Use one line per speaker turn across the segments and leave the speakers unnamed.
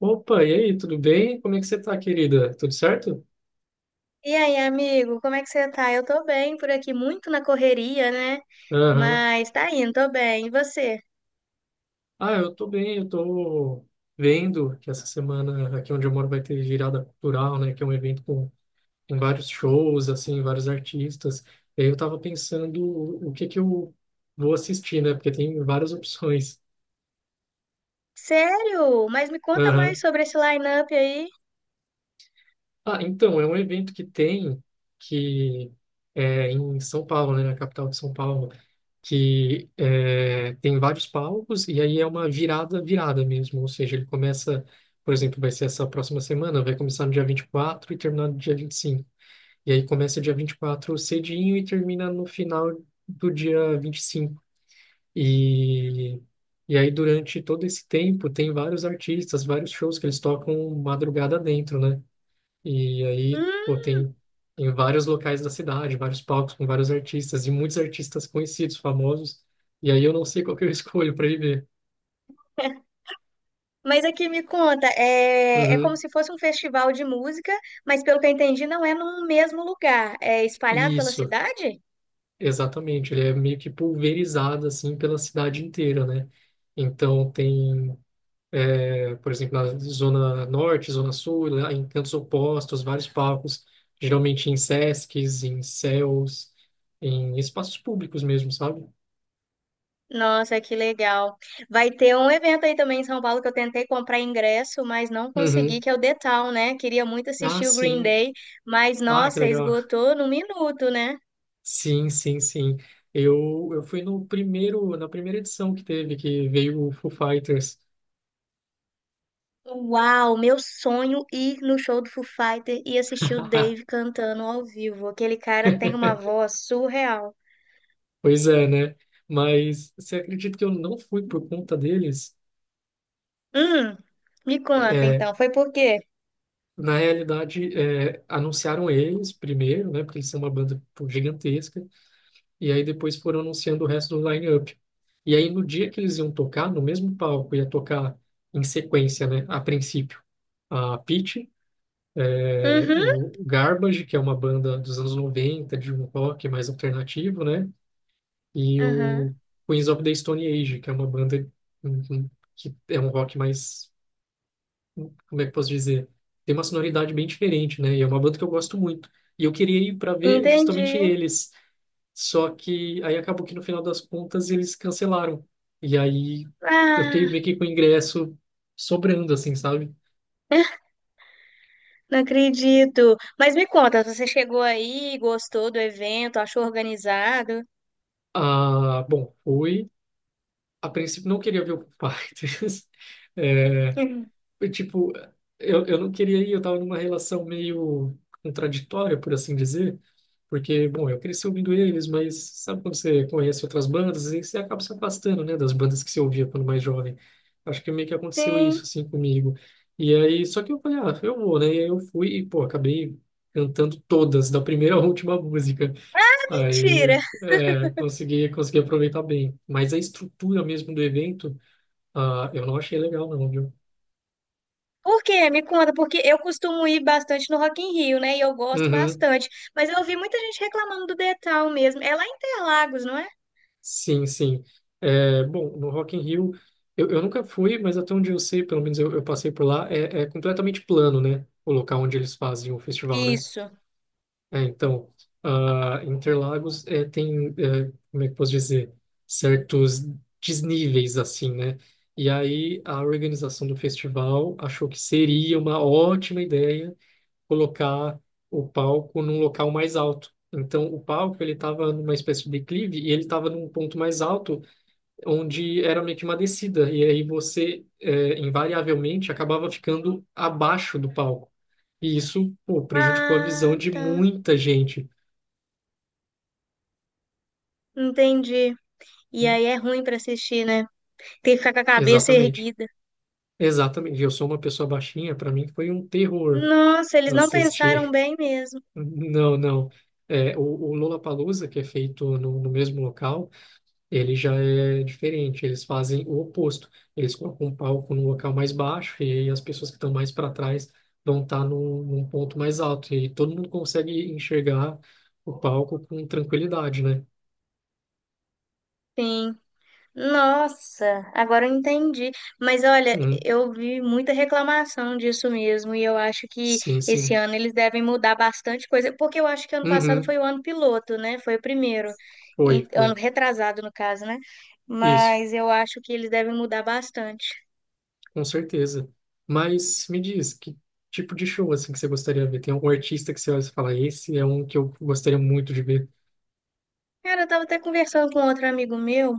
Opa, e aí, tudo bem? Como é que você tá, querida? Tudo certo?
E aí, amigo, como é que você tá? Eu tô bem por aqui, muito na correria, né?
Aham.
Mas tá indo, tô bem. E você?
Ah, eu tô bem, eu tô vendo que essa semana aqui onde eu moro vai ter virada cultural, né? Que é um evento com vários shows, assim, vários artistas. E aí eu tava pensando o que que eu vou assistir, né? Porque tem várias opções.
Sério? Mas me conta mais
Aham.
sobre esse line-up aí.
Ah, então, é um evento que tem que é em São Paulo, né, na capital de São Paulo, tem vários palcos e aí é uma virada, virada mesmo, ou seja, ele começa, por exemplo, vai ser essa próxima semana, vai começar no dia 24 e terminar no dia 25. E aí começa dia 24 cedinho e termina no final do dia 25. E e aí, durante todo esse tempo, tem vários artistas, vários shows que eles tocam madrugada dentro, né? E aí, pô,
Hum,
tem em vários locais da cidade, vários palcos com vários artistas e muitos artistas conhecidos, famosos. E aí eu não sei qual que eu escolho para ir ver.
mas aqui me conta, é como
Uhum.
se fosse um festival de música, mas pelo que eu entendi, não é num mesmo lugar. É espalhado pela
Isso,
cidade?
exatamente. Ele é meio que pulverizado assim pela cidade inteira, né? Então tem, é, por exemplo, na zona norte, zona sul, lá em cantos opostos, vários palcos, geralmente em sescs, em CELs, em espaços públicos mesmo, sabe?
Nossa, que legal. Vai ter um evento aí também em São Paulo que eu tentei comprar ingresso, mas não consegui,
Uhum.
que é o The Town, né? Queria muito
Ah,
assistir o Green
sim.
Day, mas
Ah, que
nossa,
legal.
esgotou no minuto, né?
Sim, sim, sim. Eu fui no primeiro, na primeira edição que teve, que veio o Foo Fighters.
Uau, meu sonho ir no show do Foo Fighter e assistir o Dave cantando ao vivo. Aquele cara tem uma voz surreal.
Pois é, né? Mas você acredita que eu não fui por conta deles?
Hum, me conta
É,
então, foi por quê?
na realidade, anunciaram eles primeiro, né? Porque eles são uma banda pô, gigantesca. E aí depois foram anunciando o resto do line-up. E aí no dia que eles iam tocar, no mesmo palco, ia tocar em sequência, né? A princípio, a Pitty. É,
Uhum,
o Garbage, que é uma banda dos anos 90, de um rock mais alternativo, né? E o
uhum.
Queens of the Stone Age, que é uma banda, uhum, que é um rock mais, como é que eu posso dizer? Tem uma sonoridade bem diferente, né? E é uma banda que eu gosto muito. E eu queria ir para ver
Entendi.
justamente eles. Só que aí acabou que no final das contas eles cancelaram. E aí eu fiquei
Ah.
meio que com o ingresso sobrando, assim, sabe?
Não acredito. Mas me conta, você chegou aí, gostou do evento, achou organizado?
Ah, bom, fui. A princípio não queria ver o Foo Fighters. É,
Uhum.
eu, tipo, eu não queria ir, eu tava numa relação meio contraditória, por assim dizer, porque, bom, eu cresci ouvindo eles, mas sabe quando você conhece outras bandas e você acaba se afastando, né, das bandas que você ouvia quando mais jovem. Acho que meio que aconteceu isso,
Sim.
assim, comigo. E aí, só que eu falei, ah, eu vou, né? E aí eu fui e, pô, acabei cantando todas, da primeira à última música. Aí
Mentira.
é, consegui aproveitar bem. Mas a estrutura mesmo do evento, ah, eu não achei legal não, viu?
Por quê? Me conta, porque eu costumo ir bastante no Rock in Rio, né? E eu gosto
Uhum,
bastante. Mas eu ouvi muita gente reclamando do Detal mesmo. É lá em Interlagos, não é?
sim, sim. É, bom, no Rock in Rio, eu nunca fui, mas até onde eu sei, pelo menos eu passei por lá, é completamente plano, né? O local onde eles fazem o festival, né?
Isso.
É, então, ah, Interlagos tem, como é que eu posso dizer, certos desníveis, assim, né? E aí a organização do festival achou que seria uma ótima ideia colocar o palco num local mais alto. Então, o palco, ele estava numa espécie de declive e ele estava num ponto mais alto, onde era meio que uma descida. E aí você, invariavelmente, acabava ficando abaixo do palco. E isso, pô, prejudicou a visão
Ah,
de
tá.
muita gente.
Entendi. E aí é ruim pra assistir, né? Tem que ficar com a cabeça
Exatamente.
erguida.
Exatamente. Eu sou uma pessoa baixinha, para mim foi um terror
Nossa, eles não pensaram
assistir.
bem mesmo.
Não, não. É, o Lollapalooza, que é feito no mesmo local, ele já é diferente. Eles fazem o oposto. Eles colocam um palco num local mais baixo e aí as pessoas que estão mais para trás vão estar num ponto mais alto. E aí todo mundo consegue enxergar o palco com tranquilidade, né?
Sim. Nossa, agora eu entendi. Mas olha,
Uhum.
eu vi muita reclamação disso mesmo, e eu acho que
Sim,
esse
sim.
ano eles devem mudar bastante coisa, porque eu acho que ano passado
Uhum.
foi o ano piloto, né? Foi o primeiro,
Foi,
ano
foi.
retrasado, no caso, né?
Isso.
Mas eu acho que eles devem mudar bastante.
Com certeza. Mas me diz, que tipo de show assim que você gostaria de ver? Tem algum artista que você olha e fala, esse é um que eu gostaria muito de ver.
Cara, eu tava até conversando com outro amigo meu,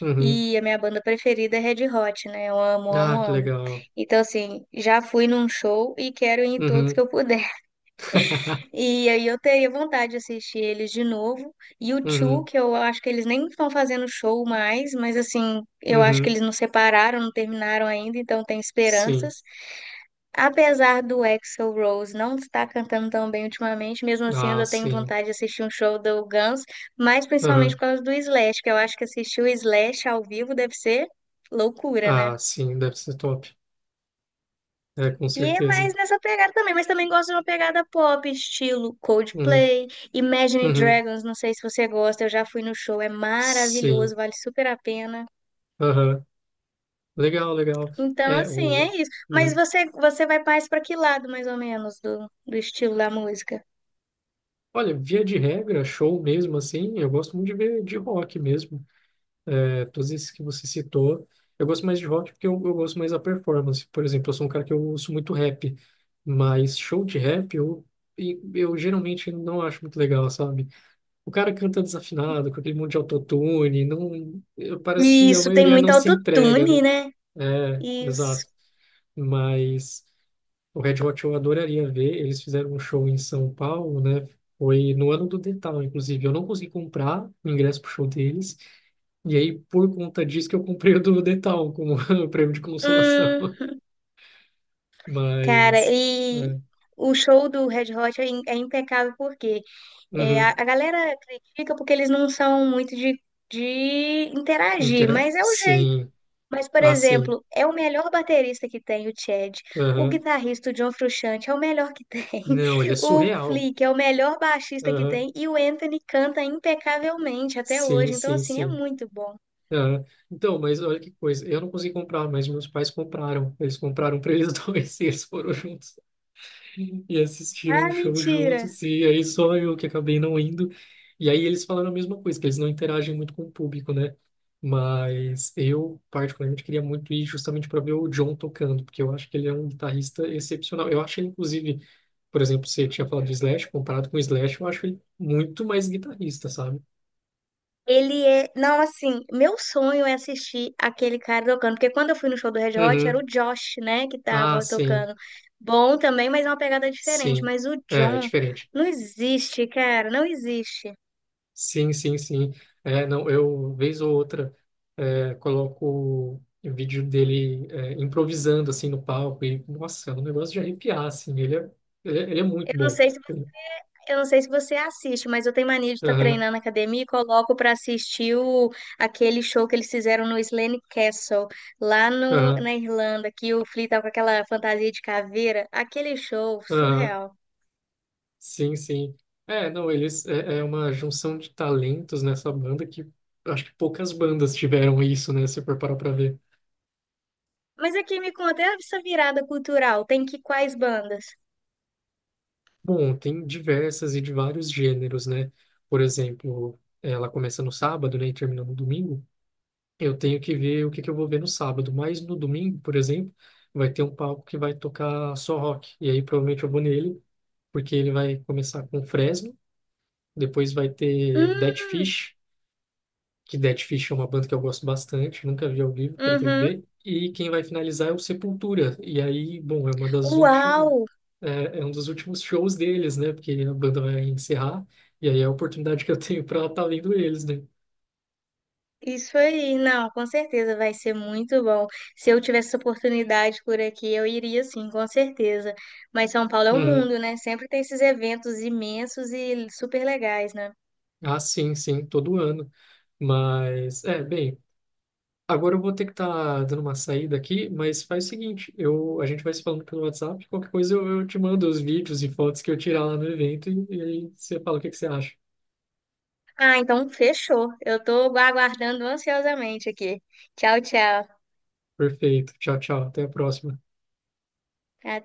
Uhum.
e a minha banda preferida é Red Hot, né? Eu amo, amo,
Ah, que
amo.
legal.
Então, assim, já fui num show e quero ir em todos que
Uhum.
eu puder. E aí eu teria vontade de assistir eles de novo. E o Two,
Uhum.
que eu acho que eles nem estão fazendo show mais, mas assim, eu acho que
Uhum.
eles não separaram, não terminaram ainda, então tem
Sim.
esperanças. Apesar do Axl Rose não estar cantando tão bem ultimamente, mesmo assim eu
Ah,
ainda tenho
sim.
vontade de assistir um show do Guns, mas principalmente
Uhum.
por causa do Slash, que eu acho que assistir o Slash ao vivo deve ser loucura, né?
Ah, sim, deve ser top. É, com
E é
certeza.
mais nessa pegada também, mas também gosto de uma pegada pop, estilo
Uhum.
Coldplay, Imagine
Uhum.
Dragons, não sei se você gosta, eu já fui no show, é
Sim.
maravilhoso, vale super a pena.
Uhum. Legal, legal.
Então,
É,
assim,
o...
é isso. Mas
uhum.
você vai mais para que lado, mais ou menos, do estilo da música?
Olha, via de regra, show mesmo assim, eu gosto muito de ver de rock mesmo. É, todos esses que você citou. Eu gosto mais de rock porque eu gosto mais da performance. Por exemplo, eu sou um cara que eu ouço muito rap, mas show de rap eu geralmente não acho muito legal, sabe? O cara canta desafinado, com aquele monte de autotune, não, parece que a
Isso, tem
maioria
muito
não se entrega, né?
autotune, né?
É,
Isso.
exato. Mas o Red Hot eu adoraria ver. Eles fizeram um show em São Paulo, né? Foi no ano do Detal, inclusive. Eu não consegui comprar o ingresso pro show deles, e aí, por conta disso, que eu comprei o do Detal como prêmio de consolação.
Hum, cara,
Mas.
e
É.
o show do Red Hot é impecável porque é, a,
Uhum.
a galera critica porque eles não são muito de interagir,
Intera...
mas é o jeito.
Sim.
Mas, por
Ah, sim.
exemplo, é o melhor baterista que tem o Chad. O
Aham.
guitarrista, o John Frusciante, é o melhor que tem.
Não, ele é
O
surreal.
Flick é o melhor baixista que
Aham.
tem. E o Anthony canta impecavelmente até
Sim,
hoje. Então,
sim,
assim, é
sim.
muito bom.
Aham. Então, mas olha que coisa. Eu não consegui comprar, mas meus pais compraram. Eles compraram para eles dois e eles foram juntos. E assistiram o
Ah,
show
mentira!
juntos, e aí só eu que acabei não indo. E aí eles falaram a mesma coisa, que eles não interagem muito com o público, né? Mas eu, particularmente, queria muito ir justamente para ver o John tocando, porque eu acho que ele é um guitarrista excepcional. Eu acho ele, inclusive, por exemplo, você tinha falado de Slash, comparado com o Slash, eu acho ele muito mais guitarrista, sabe?
Ele é. Não, assim, meu sonho é assistir aquele cara tocando. Porque quando eu fui no show do Red Hot, era o
Uhum.
Josh, né, que
Ah,
tava
sim,
tocando. Bom também, mas é uma pegada diferente.
sim.
Mas o
É, é
John
diferente.
não existe, cara, não existe.
Sim, sim, sim. É, não, eu, vez ou outra, coloco o vídeo dele, improvisando, assim, no palco e, nossa, é um negócio de arrepiar, assim, ele é
Eu
muito
não
bom.
sei se,
Ele-
eu não sei se você assiste, mas eu tenho mania de estar
Aham,
treinando na academia e coloco pra assistir aquele show que eles fizeram no Slane Castle, lá no,
aham,
na Irlanda, que o Flea tá com aquela fantasia de caveira. Aquele show
aham,
surreal.
sim, sim. É, não, eles, é uma junção de talentos nessa banda que acho que poucas bandas tiveram isso, né, se for parar pra ver.
Mas aqui me conta, e essa virada cultural tem que quais bandas?
Bom, tem diversas e de vários gêneros, né? Por exemplo, ela começa no sábado, né, e termina no domingo. Eu tenho que ver o que que eu vou ver no sábado, mas no domingo, por exemplo, vai ter um palco que vai tocar só rock. E aí provavelmente eu vou nele, porque ele vai começar com Fresno, depois vai ter Dead
Hum,
Fish, que Dead Fish é uma banda que eu gosto bastante, nunca vi ao vivo, pretendo
uhum.
ver. E quem vai finalizar é o Sepultura. E aí, bom, é uma das últimas,
Uau!
é, é um dos últimos shows deles, né? Porque a banda vai encerrar, e aí é a oportunidade que eu tenho para estar vendo eles, né?
Isso aí, não, com certeza vai ser muito bom. Se eu tivesse essa oportunidade por aqui, eu iria sim, com certeza. Mas São Paulo é um
Uhum.
mundo, né? Sempre tem esses eventos imensos e super legais, né?
Ah, sim, sim, todo ano. Mas, é, bem, agora eu vou ter que estar dando uma saída aqui, mas faz o seguinte, eu, a gente vai se falando pelo WhatsApp, qualquer coisa eu, te mando os vídeos e fotos que eu tirar lá no evento e aí você fala o que que você acha.
Ah, então fechou. Eu tô aguardando ansiosamente aqui. Tchau, tchau.
Perfeito, tchau, tchau, até a próxima.
Até.